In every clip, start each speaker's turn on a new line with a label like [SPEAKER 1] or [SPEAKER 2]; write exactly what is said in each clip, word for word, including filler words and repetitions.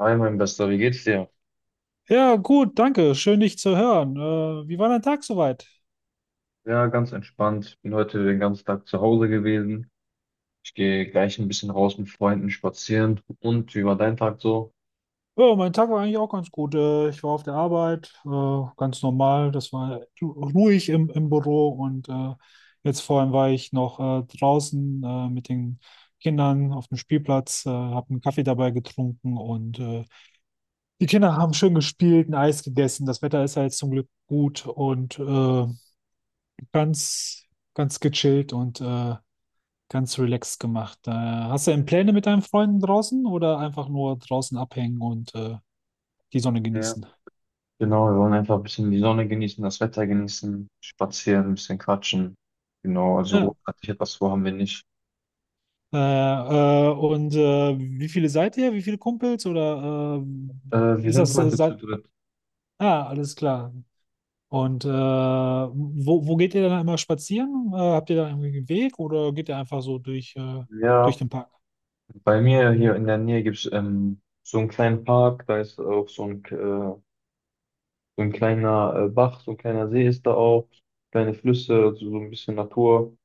[SPEAKER 1] Hi, mein Bester, wie geht's dir?
[SPEAKER 2] Ja, gut, danke. Schön, dich zu hören. Äh, wie war dein Tag soweit?
[SPEAKER 1] Ja, ganz entspannt. Bin heute den ganzen Tag zu Hause gewesen. Ich gehe gleich ein bisschen raus mit Freunden spazieren. Und wie war dein Tag so?
[SPEAKER 2] Ja, mein Tag war eigentlich auch ganz gut. Äh, ich war auf der Arbeit, äh, ganz normal. Das war ru- ruhig im, im Büro und äh, jetzt vorhin war ich noch äh, draußen äh, mit den Kindern auf dem Spielplatz, äh, habe einen Kaffee dabei getrunken und äh, die Kinder haben schön gespielt, ein Eis gegessen. Das Wetter ist ja jetzt zum Glück gut und äh, ganz, ganz gechillt und äh, Ganz relaxed gemacht. Äh, hast du denn Pläne mit deinen Freunden draußen oder einfach nur draußen abhängen und äh, die Sonne
[SPEAKER 1] Ja.
[SPEAKER 2] genießen?
[SPEAKER 1] Genau, wir wollen einfach ein bisschen die Sonne genießen, das Wetter genießen, spazieren, ein bisschen quatschen. Genau, also
[SPEAKER 2] Ja.
[SPEAKER 1] großartig etwas vor haben wir nicht.
[SPEAKER 2] Äh, äh, und äh, wie viele seid ihr? Wie viele Kumpels? Oder
[SPEAKER 1] Äh,
[SPEAKER 2] äh,
[SPEAKER 1] Wir
[SPEAKER 2] ist
[SPEAKER 1] sind
[SPEAKER 2] das äh,
[SPEAKER 1] heute zu
[SPEAKER 2] seit...
[SPEAKER 1] dritt.
[SPEAKER 2] Ah, alles klar. Und äh, wo, wo geht ihr dann immer spazieren? Äh, habt ihr da irgendwie einen Weg oder geht ihr einfach so durch, äh, durch
[SPEAKER 1] Ja,
[SPEAKER 2] den Park?
[SPEAKER 1] bei mir hier in der Nähe gibt's ähm, so einen kleinen Park, da ist auch so ein, äh, so ein kleiner äh, Bach, so ein kleiner See ist da auch, kleine Flüsse, also so ein bisschen Natur.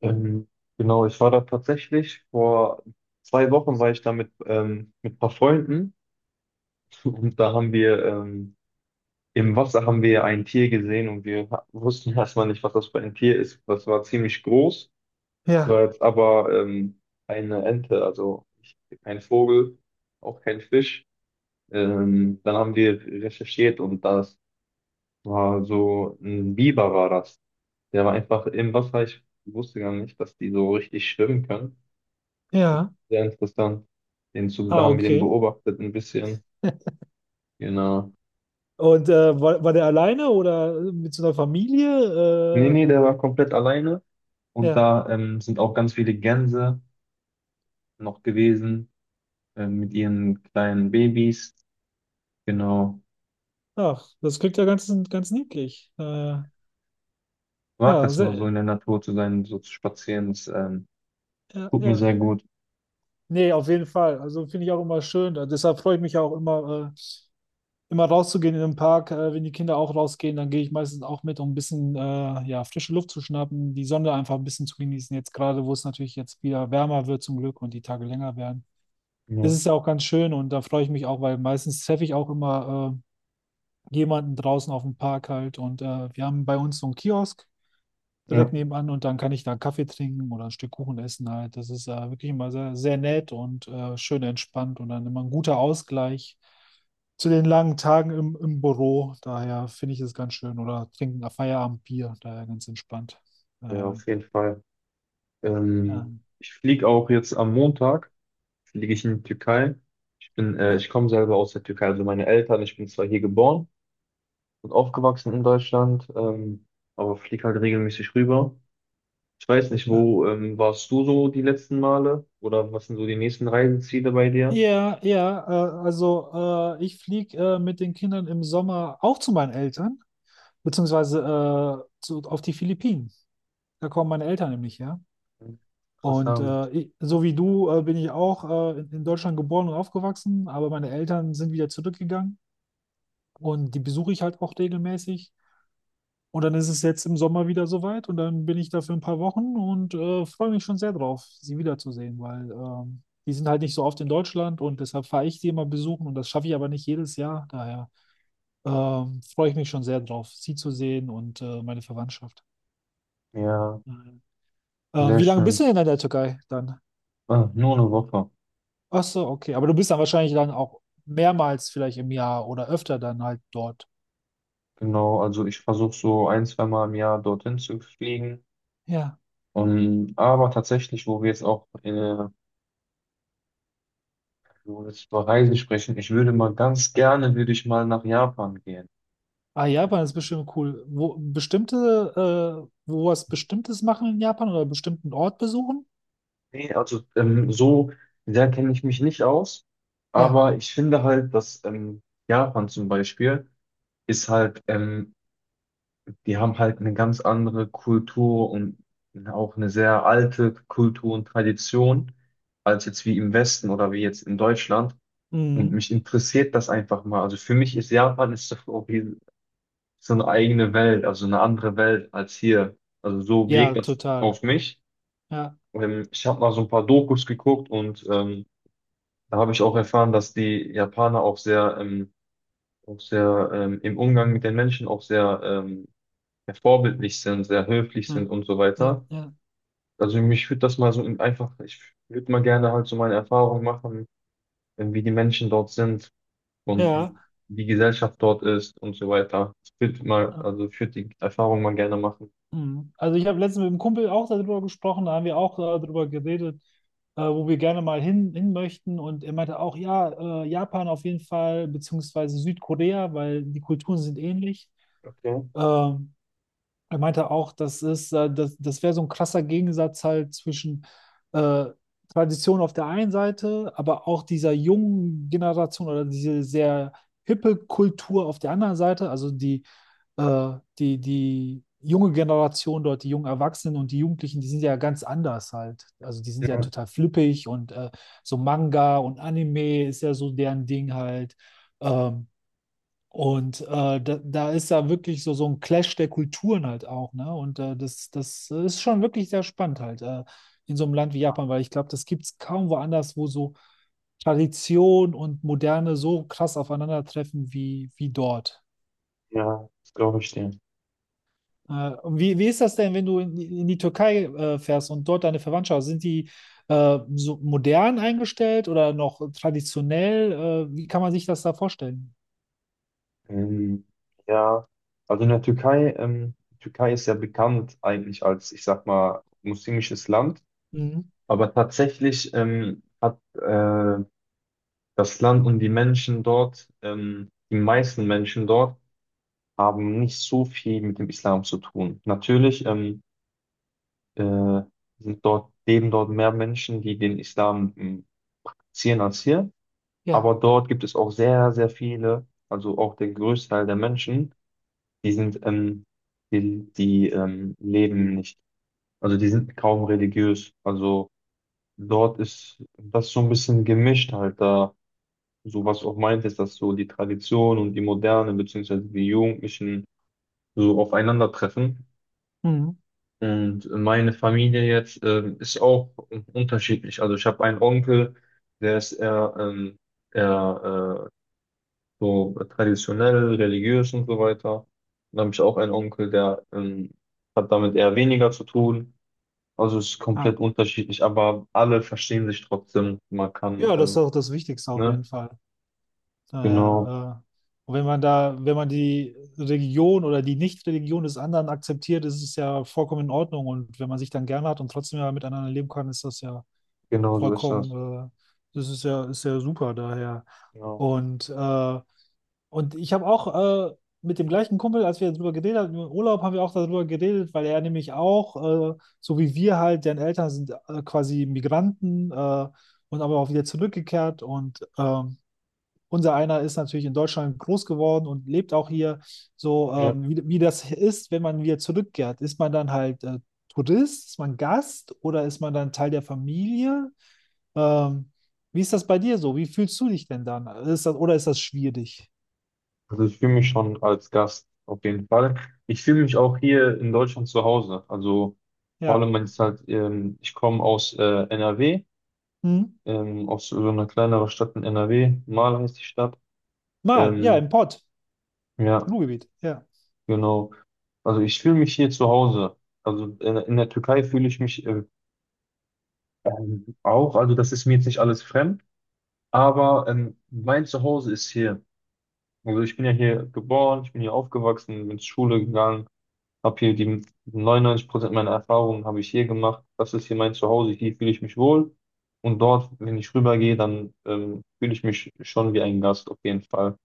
[SPEAKER 1] Ähm, genau, ich war da tatsächlich vor zwei Wochen war ich da mit, ähm, mit ein paar Freunden. Und da haben wir ähm, im Wasser haben wir ein Tier gesehen und wir ha- wussten erstmal nicht, was das für ein Tier ist. Das war ziemlich groß, war
[SPEAKER 2] Ja,
[SPEAKER 1] jetzt aber ähm, eine Ente, also ich- kein Vogel, auch kein Fisch. Ähm, dann haben wir recherchiert und das war so ein Biber war das. Der war einfach im Wasser. Ich wusste gar nicht, dass die so richtig schwimmen können.
[SPEAKER 2] ja.
[SPEAKER 1] Sehr interessant. Den Zug, da
[SPEAKER 2] Ah,
[SPEAKER 1] haben wir den
[SPEAKER 2] okay.
[SPEAKER 1] beobachtet ein bisschen. Genau.
[SPEAKER 2] Und äh, war, war der alleine oder mit so einer
[SPEAKER 1] Nee,
[SPEAKER 2] Familie?
[SPEAKER 1] nee, der war komplett alleine.
[SPEAKER 2] Äh,
[SPEAKER 1] Und
[SPEAKER 2] ja.
[SPEAKER 1] da ähm, sind auch ganz viele Gänse noch gewesen, ähm, mit ihren kleinen Babys. Genau.
[SPEAKER 2] Ach, das klingt ja ganz, ganz niedlich. Äh,
[SPEAKER 1] Ich mag
[SPEAKER 2] ja,
[SPEAKER 1] das nur so in
[SPEAKER 2] sehr,
[SPEAKER 1] der Natur zu sein, so zu spazieren. Das ähm,
[SPEAKER 2] ja,
[SPEAKER 1] tut mir
[SPEAKER 2] ja.
[SPEAKER 1] sehr gut.
[SPEAKER 2] Nee, auf jeden Fall. Also finde ich auch immer schön. Äh, Deshalb freue ich mich auch immer, äh, immer rauszugehen in den Park. Äh, wenn die Kinder auch rausgehen, dann gehe ich meistens auch mit, um ein bisschen äh, ja, frische Luft zu schnappen, die Sonne einfach ein bisschen zu genießen. Jetzt gerade, wo es natürlich jetzt wieder wärmer wird zum Glück und die Tage länger werden. Das
[SPEAKER 1] Ja,
[SPEAKER 2] ist ja auch ganz schön und da freue ich mich auch, weil meistens treffe ich auch immer äh, jemanden draußen auf dem Park halt. Und äh, wir haben bei uns so einen Kiosk direkt
[SPEAKER 1] ja.
[SPEAKER 2] nebenan und dann kann ich da einen Kaffee trinken oder ein Stück Kuchen essen halt. Das ist äh, wirklich immer sehr, sehr nett und äh, schön entspannt und dann immer ein guter Ausgleich zu den
[SPEAKER 1] Ja,
[SPEAKER 2] langen Tagen im, im Büro. Daher finde ich es ganz schön. Oder trinken ein Feierabendbier, daher ganz entspannt.
[SPEAKER 1] ja,
[SPEAKER 2] Äh,
[SPEAKER 1] auf jeden Fall.
[SPEAKER 2] ja.
[SPEAKER 1] Ähm, Ich fliege auch jetzt am Montag, fliege ich in die Türkei. Ich bin, äh,
[SPEAKER 2] Ah,
[SPEAKER 1] ich komme selber aus der Türkei, also meine Eltern, ich bin zwar hier geboren, und aufgewachsen in Deutschland, ähm, aber flieg halt regelmäßig rüber. Ich weiß nicht,
[SPEAKER 2] ah.
[SPEAKER 1] wo ähm, warst du so die letzten Male oder was sind so die nächsten Reiseziele bei dir?
[SPEAKER 2] Ja, ja, äh, also äh, ich fliege äh, mit den Kindern im Sommer auch zu meinen Eltern, beziehungsweise äh, zu, auf die Philippinen. Da kommen meine Eltern nämlich her. Und
[SPEAKER 1] Interessant.
[SPEAKER 2] äh, ich, so wie du äh, bin ich auch äh, in, in Deutschland geboren und aufgewachsen, aber meine Eltern sind wieder zurückgegangen und die besuche ich halt auch regelmäßig. Und dann ist es jetzt im Sommer wieder soweit und dann bin ich da für ein paar Wochen und äh, freue mich schon sehr drauf, sie wiederzusehen, weil ähm, die sind halt nicht so oft in Deutschland und deshalb fahre ich sie immer besuchen und das schaffe ich aber nicht jedes Jahr. Daher ähm, freue ich mich schon sehr drauf, sie zu sehen und äh, meine Verwandtschaft.
[SPEAKER 1] Ja,
[SPEAKER 2] Ähm,
[SPEAKER 1] sehr
[SPEAKER 2] wie lange bist du
[SPEAKER 1] schön.
[SPEAKER 2] denn in der Türkei dann?
[SPEAKER 1] Ah, nur eine Woche.
[SPEAKER 2] Ach so, okay. Aber du bist dann wahrscheinlich dann auch mehrmals vielleicht im Jahr oder öfter dann halt dort.
[SPEAKER 1] Genau, also ich versuche so ein, zwei Mal im Jahr dorthin zu fliegen.
[SPEAKER 2] Ja.
[SPEAKER 1] Und, aber tatsächlich, wo wir jetzt auch äh, wo wir jetzt über Reisen sprechen, ich würde mal ganz gerne, würde ich mal nach Japan gehen.
[SPEAKER 2] Ah, Japan ist bestimmt cool. Wo bestimmte, äh, wo was Bestimmtes machen in Japan oder bestimmten Ort besuchen?
[SPEAKER 1] Nee, also ähm, so sehr kenne ich mich nicht aus,
[SPEAKER 2] Ja.
[SPEAKER 1] aber ich finde halt, dass ähm, Japan zum Beispiel ist halt, ähm, die haben halt eine ganz andere Kultur und auch eine sehr alte Kultur und Tradition als jetzt wie im Westen oder wie jetzt in Deutschland. Und
[SPEAKER 2] Mhm.
[SPEAKER 1] mich interessiert das einfach mal. Also für mich ist Japan ist so auch wie so eine eigene Welt, also eine andere Welt als hier. Also so
[SPEAKER 2] Ja,
[SPEAKER 1] wirkt das
[SPEAKER 2] total.
[SPEAKER 1] auf mich.
[SPEAKER 2] Ja.
[SPEAKER 1] Ähm, ich habe mal so ein paar Dokus geguckt und ähm, da habe ich auch erfahren, dass die Japaner auch sehr, ähm, auch sehr ähm, im Umgang mit den Menschen auch sehr ähm, ja, vorbildlich sind, sehr höflich sind
[SPEAKER 2] Mhm.
[SPEAKER 1] und so
[SPEAKER 2] Ja,
[SPEAKER 1] weiter.
[SPEAKER 2] ja.
[SPEAKER 1] Also mich würde das mal so in- einfach, ich würde mal gerne halt so meine Erfahrungen machen, äh, wie die Menschen dort sind und wie
[SPEAKER 2] Ja.
[SPEAKER 1] die Gesellschaft dort ist und so weiter. Ich würde mal, also ich würde die Erfahrung mal gerne machen.
[SPEAKER 2] Mhm. Also ich habe letztens mit einem Kumpel auch darüber gesprochen, da haben wir auch äh, darüber geredet, äh, wo wir gerne mal hin, hin möchten. Und er meinte auch, ja, äh, Japan auf jeden Fall, beziehungsweise Südkorea, weil die Kulturen sind ähnlich.
[SPEAKER 1] Okay.
[SPEAKER 2] Ähm, Er meinte auch, das ist, äh, das, das wäre so ein krasser Gegensatz halt zwischen äh, Tradition auf der einen Seite, aber auch dieser jungen Generation oder diese sehr hippe Kultur auf der anderen Seite, also die, äh, die, die junge Generation dort, die jungen Erwachsenen und die Jugendlichen, die sind ja ganz anders halt. Also die sind ja
[SPEAKER 1] Ja,
[SPEAKER 2] total flippig und äh, so Manga und Anime ist ja so deren Ding halt. Ähm, und äh, da, da ist da wirklich so, so ein Clash der Kulturen halt auch, ne? Und äh, das, das ist schon wirklich sehr spannend halt äh, in so einem Land wie Japan, weil ich glaube, das gibt es kaum woanders, wo so Tradition und Moderne so krass aufeinandertreffen wie, wie dort.
[SPEAKER 1] ja, das glaube ich dir.
[SPEAKER 2] Äh, und wie, wie ist das denn, wenn du in, die- in die Türkei äh, fährst und dort deine Verwandtschaft hast? Sind die äh, so modern eingestellt oder noch traditionell? Äh, wie kann man sich das da vorstellen?
[SPEAKER 1] Ähm, ja, also in der Türkei, ähm, die Türkei ist ja bekannt eigentlich als, ich sag mal, muslimisches Land,
[SPEAKER 2] Mhm.
[SPEAKER 1] aber tatsächlich ähm, hat äh, das Land und die Menschen dort, ähm, die meisten Menschen dort, haben nicht so viel mit dem Islam zu tun. Natürlich ähm, äh, sind dort, leben dort mehr Menschen, die den Islam ähm, praktizieren als hier,
[SPEAKER 2] Ja.
[SPEAKER 1] aber dort gibt es auch sehr, sehr viele, also auch der Großteil der Menschen. Die sind, ähm, die, die ähm, leben nicht. Also die sind kaum religiös. Also dort ist das so ein bisschen gemischt halt da. So was auch meint ist, dass so die Tradition und die Moderne beziehungsweise die Jugendlichen so aufeinandertreffen.
[SPEAKER 2] Mhm.
[SPEAKER 1] Und meine Familie jetzt ähm, ist auch unterschiedlich. Also ich habe einen Onkel, der ist eher, ähm, eher äh, so traditionell, religiös und so weiter. Dann habe ich auch einen Onkel, der ähm, hat damit eher weniger zu tun. Also es ist komplett unterschiedlich, aber alle verstehen sich trotzdem. Man kann,
[SPEAKER 2] Ja, das ist
[SPEAKER 1] ähm,
[SPEAKER 2] auch das Wichtigste auf jeden
[SPEAKER 1] ne?
[SPEAKER 2] Fall.
[SPEAKER 1] Genau,
[SPEAKER 2] Daher, äh, wenn man da, wenn man die Religion oder die Nicht-Religion des anderen akzeptiert, ist es ja vollkommen in Ordnung. Und wenn man sich dann gerne hat und trotzdem ja miteinander leben kann, ist das ja
[SPEAKER 1] genau so ist das.
[SPEAKER 2] vollkommen, äh, das ist ja, ist ja super daher.
[SPEAKER 1] Genau.
[SPEAKER 2] Und äh, und ich habe auch äh, mit dem gleichen Kumpel, als wir darüber geredet haben, im Urlaub haben wir auch darüber geredet, weil er nämlich auch, äh, so wie wir halt, deren Eltern sind äh, quasi Migranten äh, und aber auch wieder zurückgekehrt. Und ähm, unser einer ist natürlich in Deutschland groß geworden und lebt auch hier. So,
[SPEAKER 1] Ja.
[SPEAKER 2] ähm, wie, wie das ist, wenn man wieder zurückkehrt. Ist man dann halt äh, Tourist, ist man Gast oder ist man dann Teil der Familie? Ähm, Wie ist das bei dir so? Wie fühlst du dich denn dann? Ist das, oder ist das schwierig?
[SPEAKER 1] Also ich fühle mich schon als Gast auf jeden Fall. Ich fühle mich auch hier in Deutschland zu Hause. Also vor
[SPEAKER 2] Ja.
[SPEAKER 1] allem, wenn es halt, ähm, ich komme aus äh, N R W,
[SPEAKER 2] Hm?
[SPEAKER 1] ähm, aus so einer kleineren Stadt in N R W, Mahl heißt die Stadt.
[SPEAKER 2] Mal, ja,
[SPEAKER 1] Ähm,
[SPEAKER 2] im Pott,
[SPEAKER 1] ja,
[SPEAKER 2] im Ruhrgebiet, ja.
[SPEAKER 1] genau. Also ich fühle mich hier zu Hause. Also in, in der Türkei fühle ich mich äh, ähm, auch. Also das ist mir jetzt nicht alles fremd, aber ähm, mein Zuhause ist hier. Also ich bin ja hier geboren, ich bin hier aufgewachsen, bin zur Schule gegangen, habe hier die neunundneunzig Prozent meiner Erfahrungen habe ich hier gemacht. Das ist hier mein Zuhause, hier fühle ich mich wohl. Und dort, wenn ich rübergehe, dann ähm, fühle ich mich schon wie ein Gast auf jeden Fall.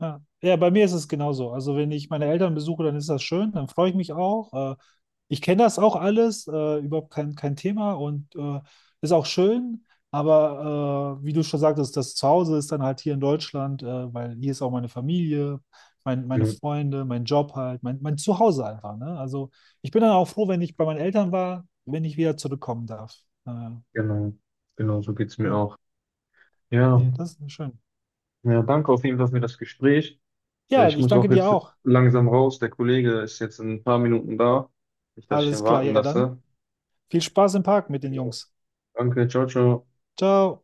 [SPEAKER 2] Ja. Ja, bei mir ist es genauso. Also wenn ich meine Eltern besuche, dann ist das schön, dann freue ich mich auch. Äh, ich kenne das auch alles, äh, überhaupt kein, kein Thema und äh, ist auch schön. Aber äh, wie du schon sagtest, das Zuhause ist dann halt hier in Deutschland, äh, weil hier ist auch meine Familie, mein, meine
[SPEAKER 1] Mhm,
[SPEAKER 2] Freunde, mein Job halt, mein, mein Zuhause einfach. Ne? Also ich bin dann auch froh, wenn ich bei meinen Eltern war, wenn ich wieder zurückkommen darf. Äh,
[SPEAKER 1] genau, genau, so geht's mir
[SPEAKER 2] ja,
[SPEAKER 1] auch. Ja,
[SPEAKER 2] nee, das ist schön.
[SPEAKER 1] ja, danke auf jeden Fall für das Gespräch. Äh,
[SPEAKER 2] Ja,
[SPEAKER 1] Ich
[SPEAKER 2] ich
[SPEAKER 1] muss
[SPEAKER 2] danke
[SPEAKER 1] auch
[SPEAKER 2] dir
[SPEAKER 1] jetzt
[SPEAKER 2] auch.
[SPEAKER 1] langsam raus. Der Kollege ist jetzt in ein paar Minuten da. Nicht, dass ich ihn
[SPEAKER 2] Alles klar,
[SPEAKER 1] warten
[SPEAKER 2] ja dann.
[SPEAKER 1] lasse.
[SPEAKER 2] Viel Spaß im Park mit den
[SPEAKER 1] Jo,
[SPEAKER 2] Jungs.
[SPEAKER 1] danke, ciao, ciao.
[SPEAKER 2] Ciao.